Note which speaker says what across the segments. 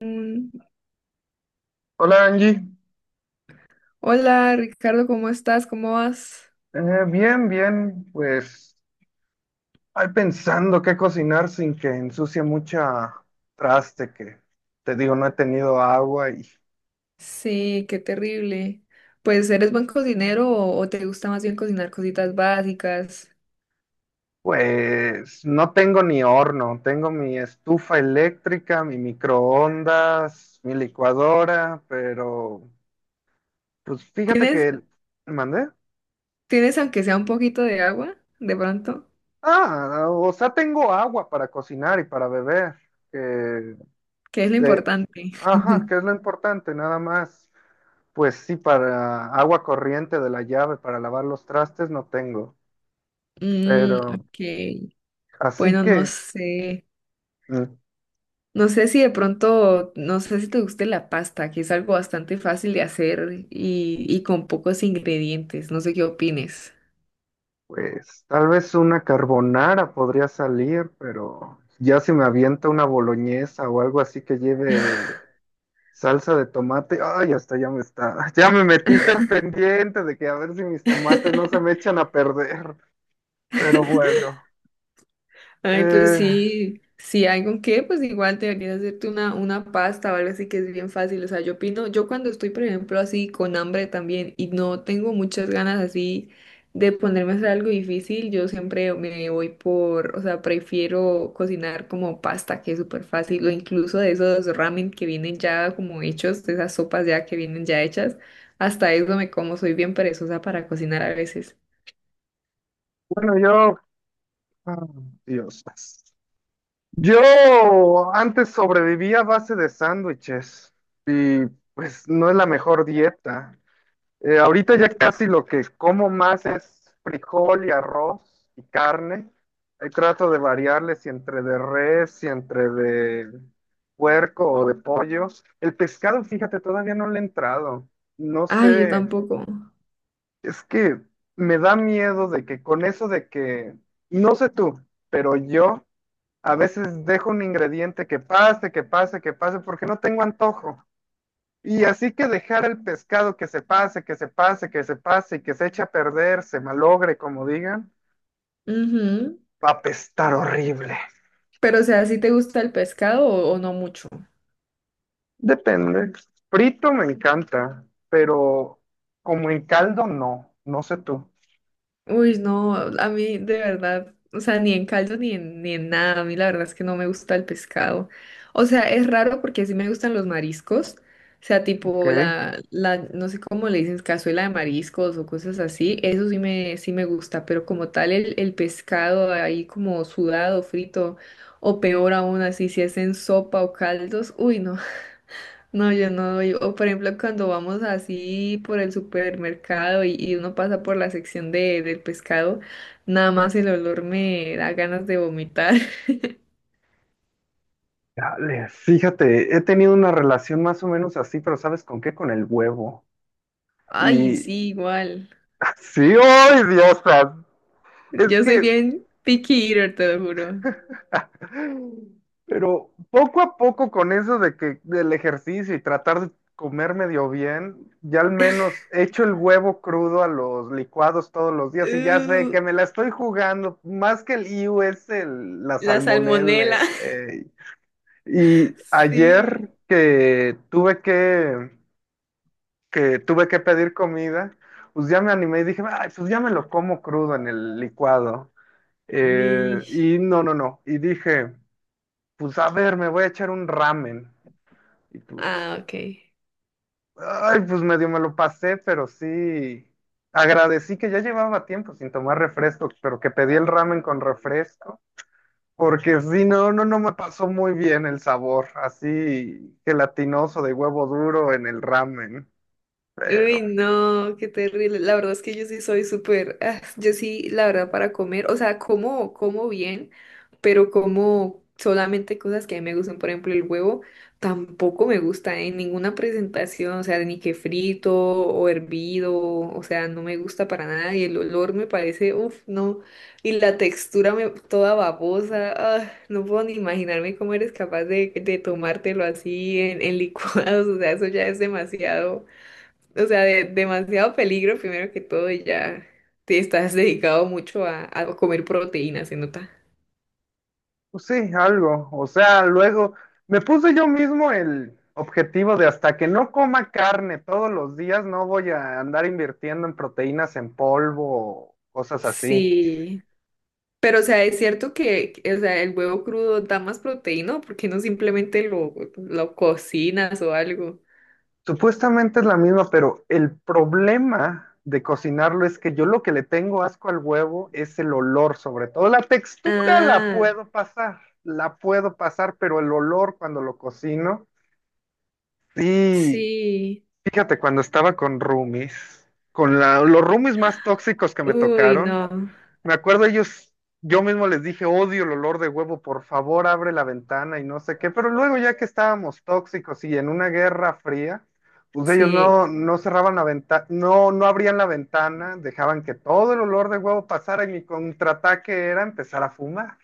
Speaker 1: Mm,
Speaker 2: Hola Angie.
Speaker 1: hola Ricardo, ¿cómo estás? ¿Cómo vas?
Speaker 2: Eh, Bien, bien, pues ahí pensando qué cocinar sin que ensucie mucha traste, que te digo, no he tenido agua y
Speaker 1: Sí, qué terrible. Pues, ¿eres buen cocinero o te gusta más bien cocinar cositas básicas?
Speaker 2: pues no tengo ni horno, tengo mi estufa eléctrica, mi microondas, mi licuadora, pero pues fíjate
Speaker 1: ¿Tienes,
Speaker 2: que mandé.
Speaker 1: tienes aunque sea un poquito de agua, de pronto?
Speaker 2: Ah, o sea, tengo agua para cocinar y para beber, que
Speaker 1: Que es lo
Speaker 2: eh,
Speaker 1: importante.
Speaker 2: ajá, que es lo importante, nada más. Pues sí, para agua corriente de la llave, para lavar los trastes no tengo,
Speaker 1: Mm,
Speaker 2: pero
Speaker 1: ok.
Speaker 2: así
Speaker 1: Bueno, no
Speaker 2: que,
Speaker 1: sé.
Speaker 2: mm,
Speaker 1: No sé si de pronto, no sé si te guste la pasta, que es algo bastante fácil de hacer y con pocos ingredientes. No sé qué opines.
Speaker 2: pues tal vez una carbonara podría salir, pero ya si me avienta una boloñesa o algo así que lleve salsa de tomate, ay, hasta ya me está, ya me metiste al pendiente de que a ver si mis tomates no se me echan a perder, pero bueno.
Speaker 1: Ay, pues
Speaker 2: eh,
Speaker 1: sí, si hay con qué, pues igual deberías hacerte una pasta o algo así que es bien fácil. O sea, yo opino, yo cuando estoy, por ejemplo, así con hambre también y no tengo muchas ganas así de ponerme a hacer algo difícil, yo siempre me voy por, o sea, prefiero cocinar como pasta, que es súper fácil, o incluso de esos ramen que vienen ya como hechos, de esas sopas ya que vienen ya hechas. Hasta eso me como, soy bien perezosa para cocinar a veces.
Speaker 2: bueno, yo, ah, Dios. Yo antes sobrevivía a base de sándwiches y pues no es la mejor dieta. Ahorita ya casi lo que como más es frijol y arroz y carne. Ahí trato de variarles si entre de res, si entre de puerco o de pollo. El pescado, fíjate, todavía no le he entrado. No
Speaker 1: Ay, yo
Speaker 2: sé,
Speaker 1: tampoco.
Speaker 2: es que me da miedo de que con eso de que, no sé tú, pero yo... A veces dejo un ingrediente que pase, que pase, que pase, porque no tengo antojo. Y así que dejar el pescado que se pase, que se pase, que se pase y que se eche a perder, se malogre, como digan,
Speaker 1: Ujú.
Speaker 2: va a apestar horrible.
Speaker 1: Pero, o sea, ¿sí te gusta el pescado o no mucho?
Speaker 2: Depende. Frito me encanta, pero como en caldo no. No sé tú.
Speaker 1: Uy, no, a mí de verdad, o sea, ni en caldo ni en nada, a mí la verdad es que no me gusta el pescado. O sea, es raro porque sí me gustan los mariscos, o sea, tipo
Speaker 2: Ok.
Speaker 1: no sé cómo le dicen, cazuela de mariscos o cosas así, eso sí me gusta, pero como tal el pescado ahí como sudado, frito, o peor aún así, si es en sopa o caldos, uy, no. No, yo no doy. O por ejemplo, cuando vamos así por el supermercado y uno pasa por la sección de, del pescado, nada más el olor me da ganas de vomitar.
Speaker 2: Dale, fíjate, he tenido una relación más o menos así, pero ¿sabes con qué? Con el huevo.
Speaker 1: Ay,
Speaker 2: Y
Speaker 1: sí, igual.
Speaker 2: sí, ¡ay, Dios! Es
Speaker 1: Yo soy
Speaker 2: que
Speaker 1: bien picky eater, te lo juro.
Speaker 2: pero poco a poco con eso de que del ejercicio y tratar de comer medio bien, ya al menos echo el huevo crudo a los licuados todos los días y ya sé
Speaker 1: Uh,
Speaker 2: que me la estoy jugando, más que el IU es el, la
Speaker 1: la
Speaker 2: salmonela.
Speaker 1: salmonela.
Speaker 2: Eh. Y ayer
Speaker 1: Sí.
Speaker 2: que tuve que tuve que pedir comida, pues ya me animé y dije, "Ay, pues ya me lo como crudo en el licuado.
Speaker 1: Y-
Speaker 2: Y no, no, no. Y dije, pues a ver, me voy a echar un ramen. Y
Speaker 1: Ah,
Speaker 2: pues,
Speaker 1: ok.
Speaker 2: ay, pues medio me lo pasé, pero sí agradecí que ya llevaba tiempo sin tomar refresco, pero que pedí el ramen con refresco, porque sí, no, no, no me pasó muy bien el sabor, así gelatinoso de huevo duro en el ramen, pero
Speaker 1: Uy, no, qué terrible. La verdad es que yo sí soy súper, ah, yo sí, la verdad, para comer, o sea, como, como bien, pero como solamente cosas que a mí me gustan, por ejemplo, el huevo tampoco me gusta en ninguna presentación, o sea, ni que frito o hervido, o sea, no me gusta para nada y el olor me parece, uff, no, y la textura me, toda babosa, ah, no puedo ni imaginarme cómo eres capaz de tomártelo así en licuados, o sea, eso ya es demasiado. O sea, de, demasiado peligro primero que todo y ya te estás dedicado mucho a comer proteína, se nota.
Speaker 2: pues sí, algo. O sea, luego me puse yo mismo el objetivo de hasta que no coma carne todos los días, no voy a andar invirtiendo en proteínas en polvo o cosas así.
Speaker 1: Sí, pero o sea, es cierto que, o sea, el huevo crudo da más proteína, ¿por qué no simplemente lo cocinas o algo?
Speaker 2: Supuestamente es la misma, pero el problema de cocinarlo es que yo lo que le tengo asco al huevo es el olor, sobre todo la textura
Speaker 1: Ah,
Speaker 2: la puedo pasar, pero el olor cuando lo cocino, sí.
Speaker 1: sí.
Speaker 2: Fíjate, cuando estaba con roomies, con los roomies más tóxicos que me
Speaker 1: Uy,
Speaker 2: tocaron,
Speaker 1: no.
Speaker 2: me acuerdo ellos, yo mismo les dije, odio el olor de huevo, por favor abre la ventana y no sé qué, pero luego ya que estábamos tóxicos y en una guerra fría, pues ellos
Speaker 1: Sí.
Speaker 2: no, no cerraban la ventana, no, no abrían la ventana, dejaban que todo el olor de huevo pasara y mi contraataque era empezar a fumar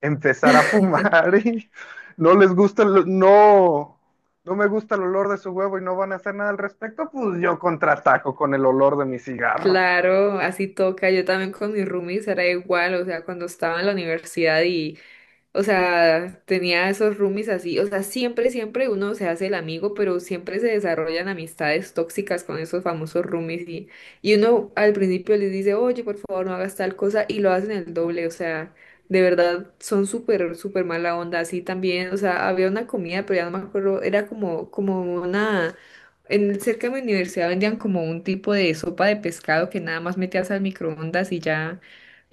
Speaker 2: empezar a fumar y no les gusta, no, no me gusta el olor de su huevo y no van a hacer nada al respecto, pues yo contraataco con el olor de mi cigarro.
Speaker 1: Claro, así toca. Yo también con mis roomies era igual, o sea, cuando estaba en la universidad. O sea, tenía esos roomies así. O sea, siempre, siempre uno se hace el amigo, pero siempre se desarrollan amistades tóxicas con esos famosos roomies. Y uno al principio les dice, oye, por favor, no hagas tal cosa, y lo hacen el doble. O sea, de verdad, son súper, súper mala onda. Así también, o sea, había una comida, pero ya no me acuerdo, era como, como una… En, cerca de mi universidad vendían como un tipo de sopa de pescado que nada más metías al microondas y ya.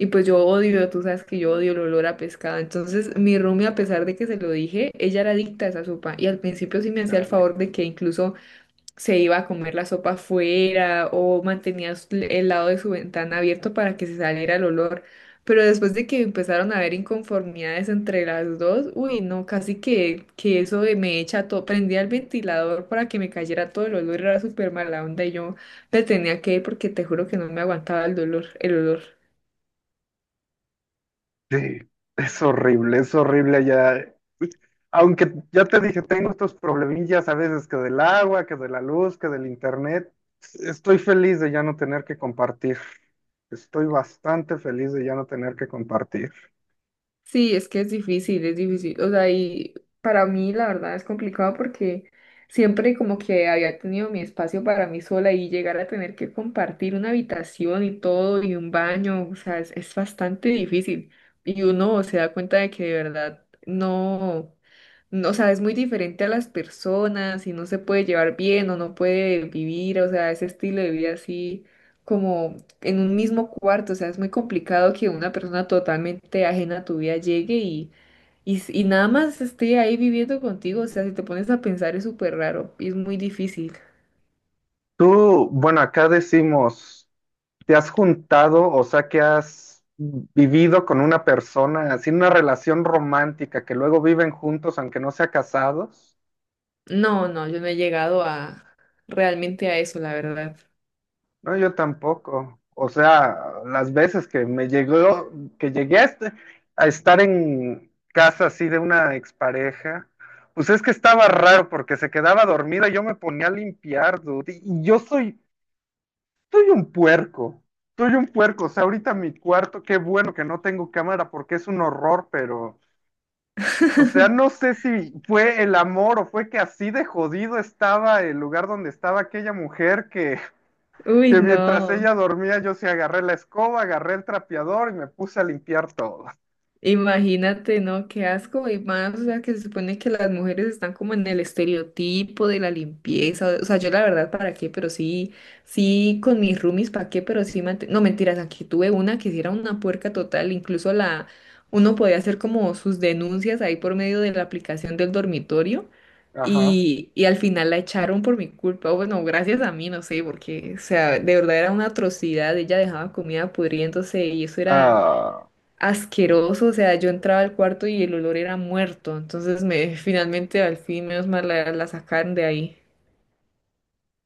Speaker 1: Y pues yo odio, tú sabes que yo odio el olor a pescado. Entonces, mi roomie, a pesar de que se lo dije, ella era adicta a esa sopa. Y al principio sí me hacía el
Speaker 2: Chale.
Speaker 1: favor de que incluso se iba a comer la sopa fuera o mantenía s- el lado de su ventana abierto para que se saliera el olor. Pero después de que empezaron a haber inconformidades entre las dos, uy, no, casi que eso de me echa todo. Prendía el ventilador para que me cayera todo el olor, era súper mala onda. Y yo me tenía que ir porque te juro que no me aguantaba el dolor, el olor.
Speaker 2: Sí, es horrible ya. Aunque ya te dije, tengo estos problemillas a veces que del agua, que de la luz, que del internet. Estoy feliz de ya no tener que compartir. Estoy bastante feliz de ya no tener que compartir.
Speaker 1: Sí, es que es difícil, es difícil. O sea, y para mí la verdad es complicado porque siempre como que había tenido mi espacio para mí sola y llegar a tener que compartir una habitación y todo y un baño, o sea, es bastante difícil. Y uno se da cuenta de que de verdad no no, o sea, es muy diferente a las personas y no se puede llevar bien o no puede vivir, o sea, ese estilo de vida así como en un mismo cuarto, o sea, es muy complicado que una persona totalmente ajena a tu vida llegue y, s- y nada más esté ahí viviendo contigo, o sea, si te pones a pensar es súper raro y es muy difícil.
Speaker 2: Tú, bueno, acá decimos, ¿te has juntado, o sea, que has vivido con una persona, así una relación romántica, que luego viven juntos aunque no sea casados?
Speaker 1: No, no, yo no he llegado a realmente a eso, la verdad.
Speaker 2: No, yo tampoco. O sea, las veces que me llegó, que llegué a, a estar en casa así de una expareja, pues es que estaba raro porque se quedaba dormida y yo me ponía a limpiar, dude, y yo soy, soy un puerco. Soy un puerco, o sea, ahorita mi cuarto, qué bueno que no tengo cámara porque es un horror, pero o sea, no sé si fue el amor o fue que así de jodido estaba el lugar donde estaba aquella mujer
Speaker 1: Uy,
Speaker 2: que mientras
Speaker 1: no.
Speaker 2: ella dormía yo sí agarré la escoba, agarré el trapeador y me puse a limpiar todo.
Speaker 1: Imagínate, ¿no? Qué asco. Y más, o sea, que se supone que las mujeres están como en el estereotipo de la limpieza. O sea, yo la verdad, ¿para qué? Pero sí, sí, con mis roomies, ¿para qué? Pero sí, mant- no mentiras, aquí tuve una que sí era una puerca total. Incluso la, uno podía hacer como sus denuncias ahí por medio de la aplicación del dormitorio.
Speaker 2: Ajá.
Speaker 1: Y al final la echaron por mi culpa. Bueno, gracias a mí, no sé, porque, o sea, de verdad era una atrocidad. Ella dejaba comida pudriéndose y eso era
Speaker 2: Ah,
Speaker 1: asqueroso, o sea, yo entraba al cuarto y el olor era muerto, entonces me finalmente al fin menos mal la, la sacaron de ahí.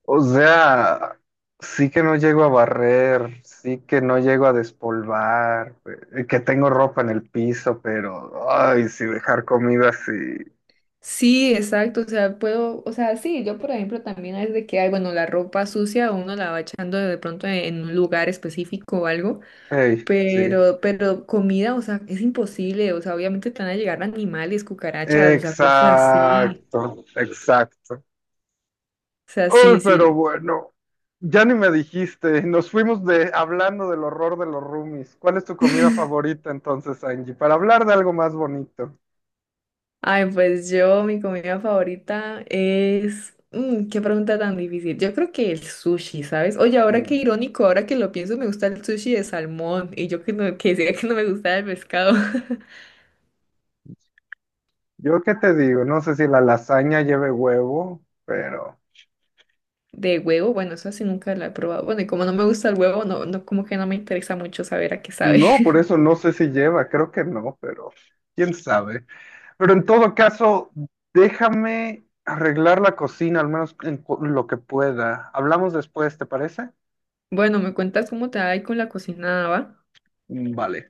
Speaker 2: o sea, sí que no llego a barrer, sí que no llego a despolvar, que tengo ropa en el piso, pero, ay, sí, dejar comida así.
Speaker 1: Sí, exacto, o sea, puedo, o sea, sí, yo por ejemplo también es de que hay, bueno, la ropa sucia uno la va echando de pronto en un lugar específico o algo,
Speaker 2: Ey, sí.
Speaker 1: pero comida, o sea, es imposible, o sea, obviamente te van a llegar animales, cucarachas, o sea, cosas así,
Speaker 2: Exacto, exacto.
Speaker 1: o sea,
Speaker 2: Uy,
Speaker 1: sí,
Speaker 2: pero
Speaker 1: sí.
Speaker 2: bueno, ya ni me dijiste, nos fuimos de hablando del horror de los roomies. ¿Cuál es tu comida favorita entonces, Angie? Para hablar de algo más bonito.
Speaker 1: Ay, pues yo, mi comida favorita es… mm, qué pregunta tan difícil. Yo creo que el sushi, ¿sabes? Oye, ahora qué
Speaker 2: Mm,
Speaker 1: irónico, ahora que lo pienso, me gusta el sushi de salmón y yo que, no, que decía que no me gustaba el pescado.
Speaker 2: yo qué te digo, no sé si la lasaña lleve huevo, pero
Speaker 1: De huevo, bueno, eso sí nunca la he probado. Bueno, y como no me gusta el huevo, no, no, como que no me interesa mucho saber a qué sabe.
Speaker 2: no, por eso no sé si lleva, creo que no, pero quién sabe. Pero en todo caso, déjame arreglar la cocina, al menos en lo que pueda. Hablamos después, ¿te parece?
Speaker 1: Bueno, ¿me cuentas cómo te va ahí con la cocinada va?
Speaker 2: Vale.